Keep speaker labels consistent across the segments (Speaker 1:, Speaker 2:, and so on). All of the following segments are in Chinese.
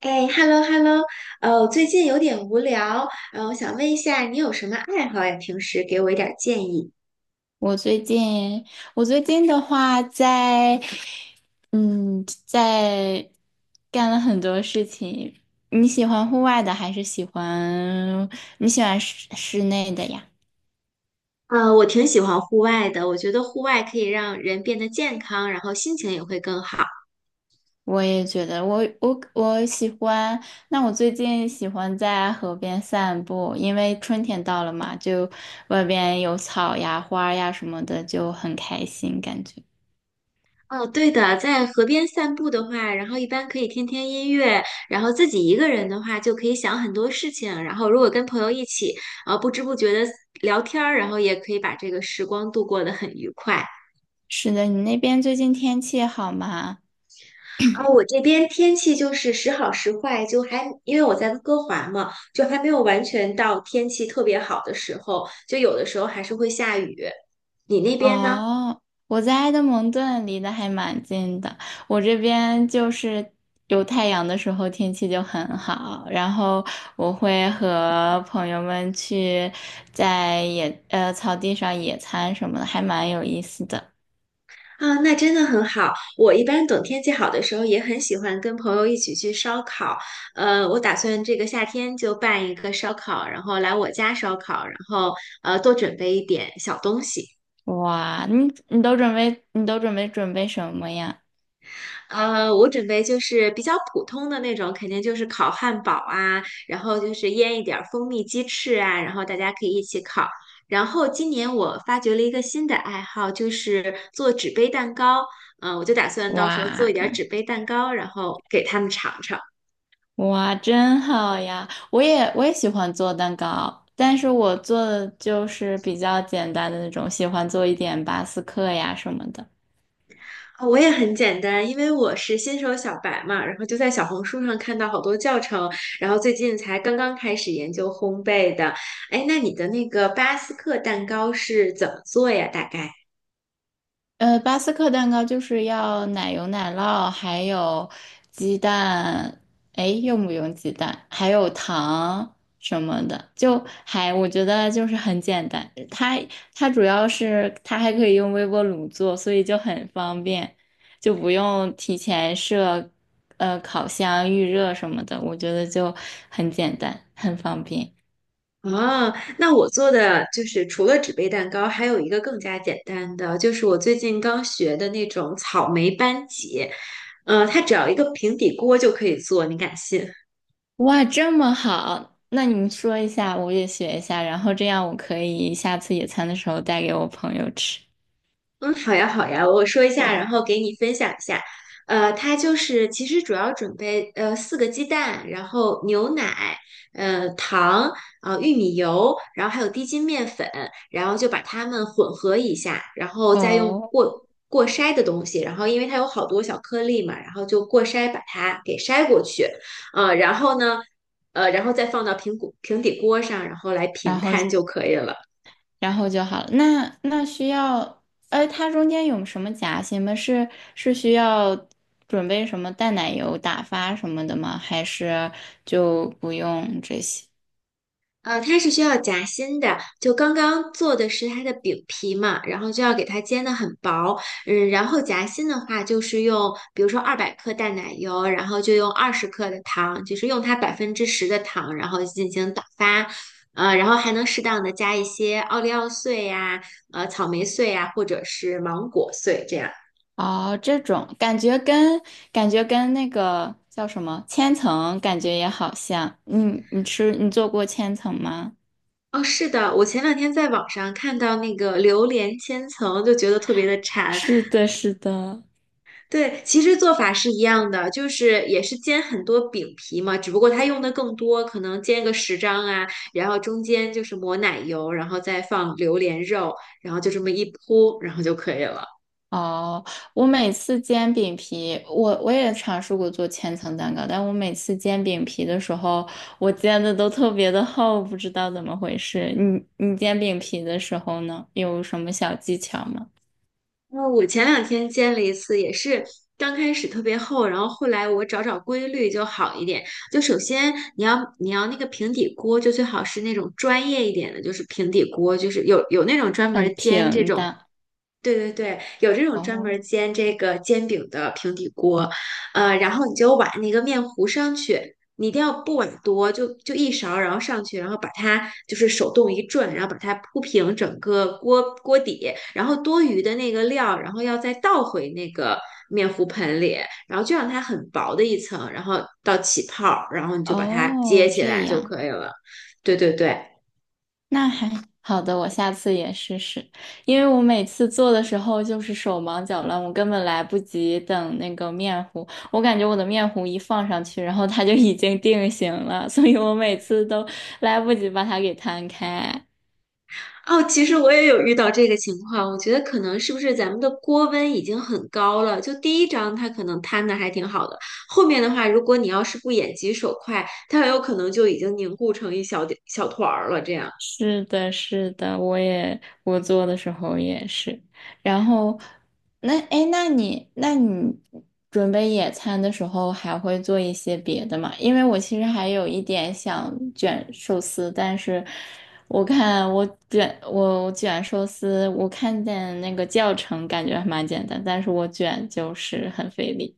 Speaker 1: 哎，hello hello，我最近有点无聊，我想问一下，你有什么爱好呀？平时给我一点儿建议。
Speaker 2: 我最近，我最近的话在干了很多事情。你喜欢户外的还是你喜欢室内的呀？
Speaker 1: 我挺喜欢户外的，我觉得户外可以让人变得健康，然后心情也会更好。
Speaker 2: 我也觉得我喜欢。那我最近喜欢在河边散步，因为春天到了嘛，就外边有草呀、花呀什么的，就很开心感觉。
Speaker 1: 哦，对的，在河边散步的话，然后一般可以听听音乐，然后自己一个人的话就可以想很多事情，然后如果跟朋友一起，不知不觉的聊天儿，然后也可以把这个时光度过得很愉快。
Speaker 2: 是的，你那边最近天气好吗？
Speaker 1: 然后我这边天气就是时好时坏，就还因为我在温哥华嘛，就还没有完全到天气特别好的时候，就有的时候还是会下雨。你那边呢？
Speaker 2: 哦，我在埃德蒙顿离得还蛮近的，我这边就是有太阳的时候天气就很好，然后我会和朋友们去在草地上野餐什么的，还蛮有意思的。
Speaker 1: 啊，那真的很好。我一般等天气好的时候，也很喜欢跟朋友一起去烧烤。我打算这个夏天就办一个烧烤，然后来我家烧烤，然后多准备一点小东西。
Speaker 2: 哇，你都准备什么呀？
Speaker 1: 我准备就是比较普通的那种，肯定就是烤汉堡啊，然后就是腌一点儿蜂蜜鸡翅啊，然后大家可以一起烤。然后今年我发掘了一个新的爱好，就是做纸杯蛋糕。我就打算到时候做一点儿
Speaker 2: 哇，
Speaker 1: 纸杯蛋糕，然后给他们尝尝。啊，
Speaker 2: 哇，真好呀！我也喜欢做蛋糕，但是我做的就是比较简单的那种，喜欢做一点巴斯克呀什么的。
Speaker 1: 我也很简单，因为我是新手小白嘛，然后就在小红书上看到好多教程，然后最近才刚刚开始研究烘焙的。哎，那你的那个巴斯克蛋糕是怎么做呀？大概？
Speaker 2: 巴斯克蛋糕就是要奶油、奶酪，还有鸡蛋，哎，用不用鸡蛋？还有糖什么的，就还我觉得就是很简单。它主要是它还可以用微波炉做，所以就很方便，就不用提前烤箱预热什么的，我觉得就很简单，很方便。
Speaker 1: 哦，那我做的就是除了纸杯蛋糕，还有一个更加简单的，就是我最近刚学的那种草莓班戟，它只要一个平底锅就可以做，你敢信？
Speaker 2: 哇，这么好，那你说一下，我也学一下，然后这样我可以下次野餐的时候带给我朋友吃。
Speaker 1: 嗯，好呀，好呀，我说一下，然后给你分享一下。它就是其实主要准备4个鸡蛋，然后牛奶，糖，玉米油，然后还有低筋面粉，然后就把它们混合一下，然后再用
Speaker 2: 哦，
Speaker 1: 过筛的东西，然后因为它有好多小颗粒嘛，然后就过筛把它给筛过去，然后呢，然后再放到平底锅上，然后来
Speaker 2: 然
Speaker 1: 平
Speaker 2: 后
Speaker 1: 摊就可以了。
Speaker 2: 然后就好了。那那需要，呃，它中间有什么夹心吗？是是需要准备什么淡奶油打发什么的吗？还是就不用这些？
Speaker 1: 它是需要夹心的，就刚刚做的是它的饼皮嘛，然后就要给它煎的很薄，嗯，然后夹心的话就是用，比如说200克淡奶油，然后就用20克的糖，就是用它10%的糖，然后进行打发，然后还能适当的加一些奥利奥碎呀、草莓碎呀、或者是芒果碎这样。
Speaker 2: 哦，这种感觉跟那个叫什么千层感觉也好像。你做过千层吗？
Speaker 1: 哦，是的，我前两天在网上看到那个榴莲千层，就觉得特别的 馋，
Speaker 2: 是的，是的。
Speaker 1: 对，其实做法是一样的，就是也是煎很多饼皮嘛，只不过它用的更多，可能煎个10张啊，然后中间就是抹奶油，然后再放榴莲肉，然后就这么一铺，然后就可以了。
Speaker 2: 哦，我每次煎饼皮，我也尝试过做千层蛋糕，但我每次煎饼皮的时候，我煎的都特别的厚，不知道怎么回事。你煎饼皮的时候呢，有什么小技巧吗？
Speaker 1: 那我前两天煎了一次，也是刚开始特别厚，然后后来我找找规律就好一点。就首先你要那个平底锅，就最好是那种专业一点的，就是平底锅，就是有那种专门
Speaker 2: 很
Speaker 1: 煎这
Speaker 2: 平
Speaker 1: 种
Speaker 2: 的。
Speaker 1: 对对对，有这种专门
Speaker 2: 哦
Speaker 1: 儿煎这个煎饼的平底锅，然后你就把那个面糊上去，你一定要不碗多，就一勺，然后上去，然后把它就是手动一转，然后把它铺平整个锅底，然后多余的那个料，然后要再倒回那个面糊盆里，然后就让它很薄的一层，然后到起泡儿，然后你就把它接
Speaker 2: 哦，
Speaker 1: 起
Speaker 2: 这
Speaker 1: 来就
Speaker 2: 样。
Speaker 1: 可以了。对对对。
Speaker 2: 那还好的，我下次也试试。因为我每次做的时候就是手忙脚乱，我根本来不及等那个面糊。我感觉我的面糊一放上去，然后它就已经定型了，所以我每次都来不及把它给摊开。
Speaker 1: 哦，其实我也有遇到这个情况，我觉得可能是不是咱们的锅温已经很高了？就第一张它可能摊的还挺好的，后面的话，如果你要是不眼疾手快，它很有可能就已经凝固成一小点小团儿了，这样。
Speaker 2: 是的，是的，我做的时候也是。然后，那哎，诶那你那你准备野餐的时候还会做一些别的吗？因为我其实还有一点想卷寿司，但是我看我卷我我卷寿司，我看见那个教程感觉还蛮简单，但是我卷就是很费力。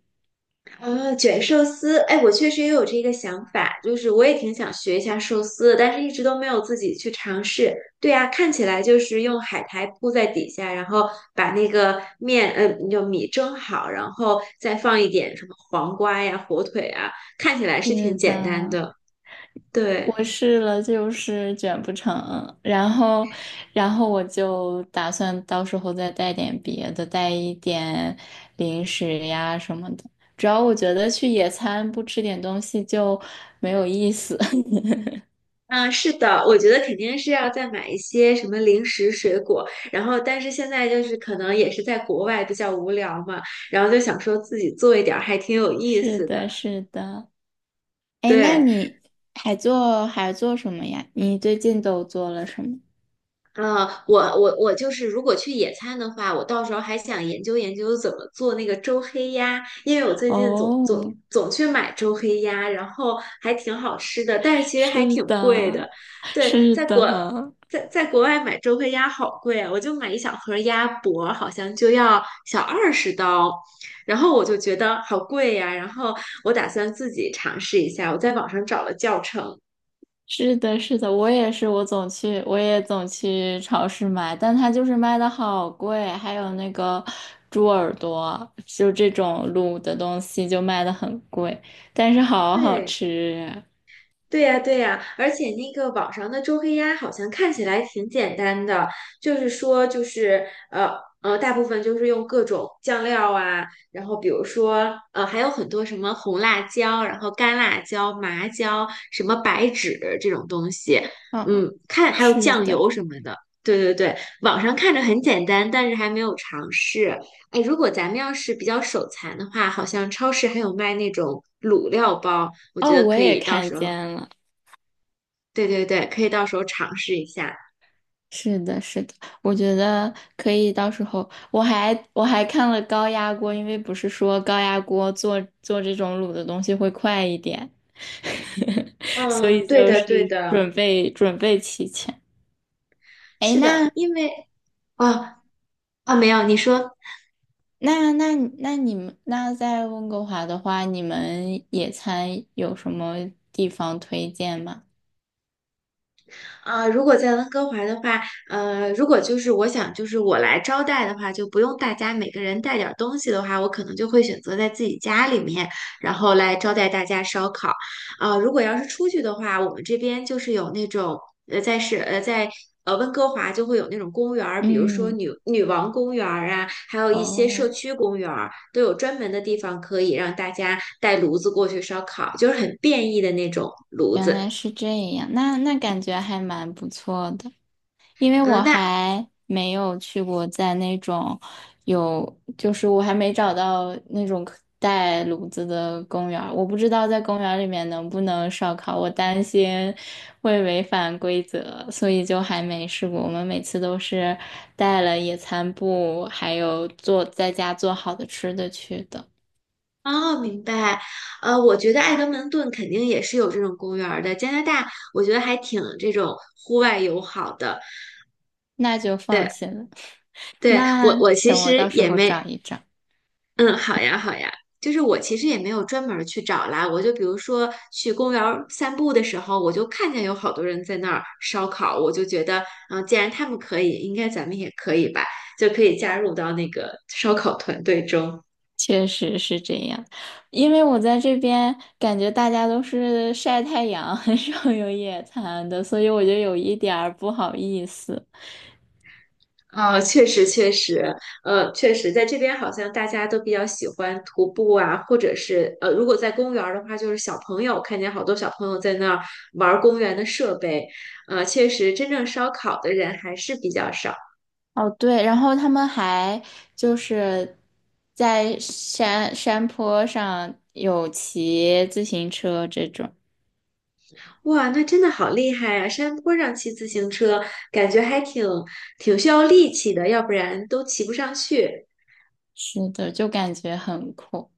Speaker 1: 啊，卷寿司，哎，我确实也有这个想法，就是我也挺想学一下寿司的但是一直都没有自己去尝试。对啊，看起来就是用海苔铺在底下，然后把那个面，就米蒸好，然后再放一点什么黄瓜呀、火腿啊，看起来是挺
Speaker 2: 是
Speaker 1: 简单
Speaker 2: 的，
Speaker 1: 的。对，
Speaker 2: 我试了，就是卷不成，然后，我就打算到时候再带点别的，带一点零食呀什么的。主要我觉得去野餐不吃点东西就没有意思。
Speaker 1: 嗯，是的，我觉得肯定是要再买一些什么零食、水果，然后但是现在就是可能也是在国外比较无聊嘛。然后就想说自己做一点儿还挺有意
Speaker 2: 是
Speaker 1: 思的，
Speaker 2: 的，是的。哎，那
Speaker 1: 对，
Speaker 2: 你还做什么呀？你最近都做了什么？
Speaker 1: 我就是，如果去野餐的话，我到时候还想研究研究怎么做那个周黑鸭，因为我最近
Speaker 2: 哦，
Speaker 1: 总去买周黑鸭，然后还挺好吃的，但是其实还
Speaker 2: 是
Speaker 1: 挺贵
Speaker 2: 的，
Speaker 1: 的。对，
Speaker 2: 是的。
Speaker 1: 在国外买周黑鸭好贵啊，我就买一小盒鸭脖，好像就要小20刀，然后我就觉得好贵呀，然后我打算自己尝试一下，我在网上找了教程。
Speaker 2: 是的，是的，我也是，我也总去超市买，但它就是卖的好贵，还有那个猪耳朵，就这种卤的东西就卖的很贵，但是好好
Speaker 1: 对，
Speaker 2: 吃
Speaker 1: 对呀，对呀，而且那个网上的周黑鸭好像看起来挺简单的，就是说，就是大部分就是用各种酱料啊，然后比如说还有很多什么红辣椒，然后干辣椒、麻椒，什么白芷这种东西，
Speaker 2: 啊。嗯，
Speaker 1: 嗯，看还有
Speaker 2: 是
Speaker 1: 酱
Speaker 2: 的，
Speaker 1: 油什么的。对对对，网上看着很简单，但是还没有尝试。哎，如果咱们要是比较手残的话，好像超市还有卖那种卤料包。我
Speaker 2: 哦，
Speaker 1: 觉得
Speaker 2: 我
Speaker 1: 可
Speaker 2: 也
Speaker 1: 以到
Speaker 2: 看
Speaker 1: 时候
Speaker 2: 见了。
Speaker 1: 对对对，可以到时候尝试一下。
Speaker 2: 是的，是的，我觉得可以。到时候我还看了高压锅，因为不是说高压锅做这种卤的东西会快一点，所
Speaker 1: 嗯，
Speaker 2: 以
Speaker 1: 对
Speaker 2: 就
Speaker 1: 的，
Speaker 2: 是
Speaker 1: 对的。
Speaker 2: 准备准备齐全。哎，
Speaker 1: 是的，
Speaker 2: 那
Speaker 1: 因为啊没有，你说。
Speaker 2: 那那那你们那在温哥华的话，你们野餐有什么地方推荐吗？
Speaker 1: 啊、如果在温哥华的话，如果就是我想就是我来招待的话，就不用大家每个人带点儿东西的话，我可能就会选择在自己家里面，然后来招待大家烧烤。啊、如果要是出去的话，我们这边就是有那种在温哥华就会有那种公园儿，比如说
Speaker 2: 嗯，
Speaker 1: 女王公园儿啊，还有一些社
Speaker 2: 哦，
Speaker 1: 区公园儿，都有专门的地方可以让大家带炉子过去烧烤，就是很便宜的那种炉
Speaker 2: 原
Speaker 1: 子。
Speaker 2: 来是这样，那感觉还蛮不错的。因为
Speaker 1: 呃，
Speaker 2: 我
Speaker 1: 那
Speaker 2: 还没有去过在那种有，就是我还没找到那种可带炉子的公园儿，我不知道在公园儿里面能不能烧烤，我担心会违反规则，所以就还没试过。我们每次都是带了野餐布，还有做在家做好的吃的去的，
Speaker 1: 哦，明白。我觉得爱德蒙顿肯定也是有这种公园儿的。加拿大，我觉得还挺这种户外友好的。
Speaker 2: 那就放
Speaker 1: 对，
Speaker 2: 心了。
Speaker 1: 对，我
Speaker 2: 那
Speaker 1: 我其
Speaker 2: 等我
Speaker 1: 实
Speaker 2: 到时
Speaker 1: 也
Speaker 2: 候
Speaker 1: 没，
Speaker 2: 找一找。
Speaker 1: 嗯，好呀，好呀。就是我其实也没有专门儿去找啦，我就比如说去公园儿散步的时候，我就看见有好多人在那儿烧烤，我就觉得，嗯，既然他们可以，应该咱们也可以吧，就可以加入到那个烧烤团队中。
Speaker 2: 确实是这样，因为我在这边感觉大家都是晒太阳，很少有野餐的，所以我就有一点儿不好意思。
Speaker 1: 啊，确实确实，确实，在这边好像大家都比较喜欢徒步啊，或者是如果在公园儿的话，就是小朋友，看见好多小朋友在那儿玩儿公园的设备，确实，真正烧烤的人还是比较少。
Speaker 2: 哦，对，然后他们还就是在山坡上有骑自行车这种，
Speaker 1: 哇，那真的好厉害啊！山坡上骑自行车，感觉还挺需要力气的，要不然都骑不上去。
Speaker 2: 是的，就感觉很酷。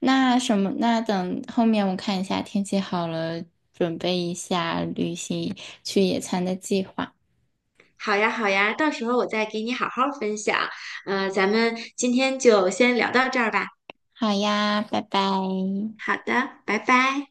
Speaker 2: 那什么，那等后面我看一下天气好了，准备一下旅行去野餐的计划。
Speaker 1: 好呀，好呀，到时候我再给你好好分享。咱们今天就先聊到这儿吧。
Speaker 2: 好呀，拜拜。
Speaker 1: 好的，拜拜。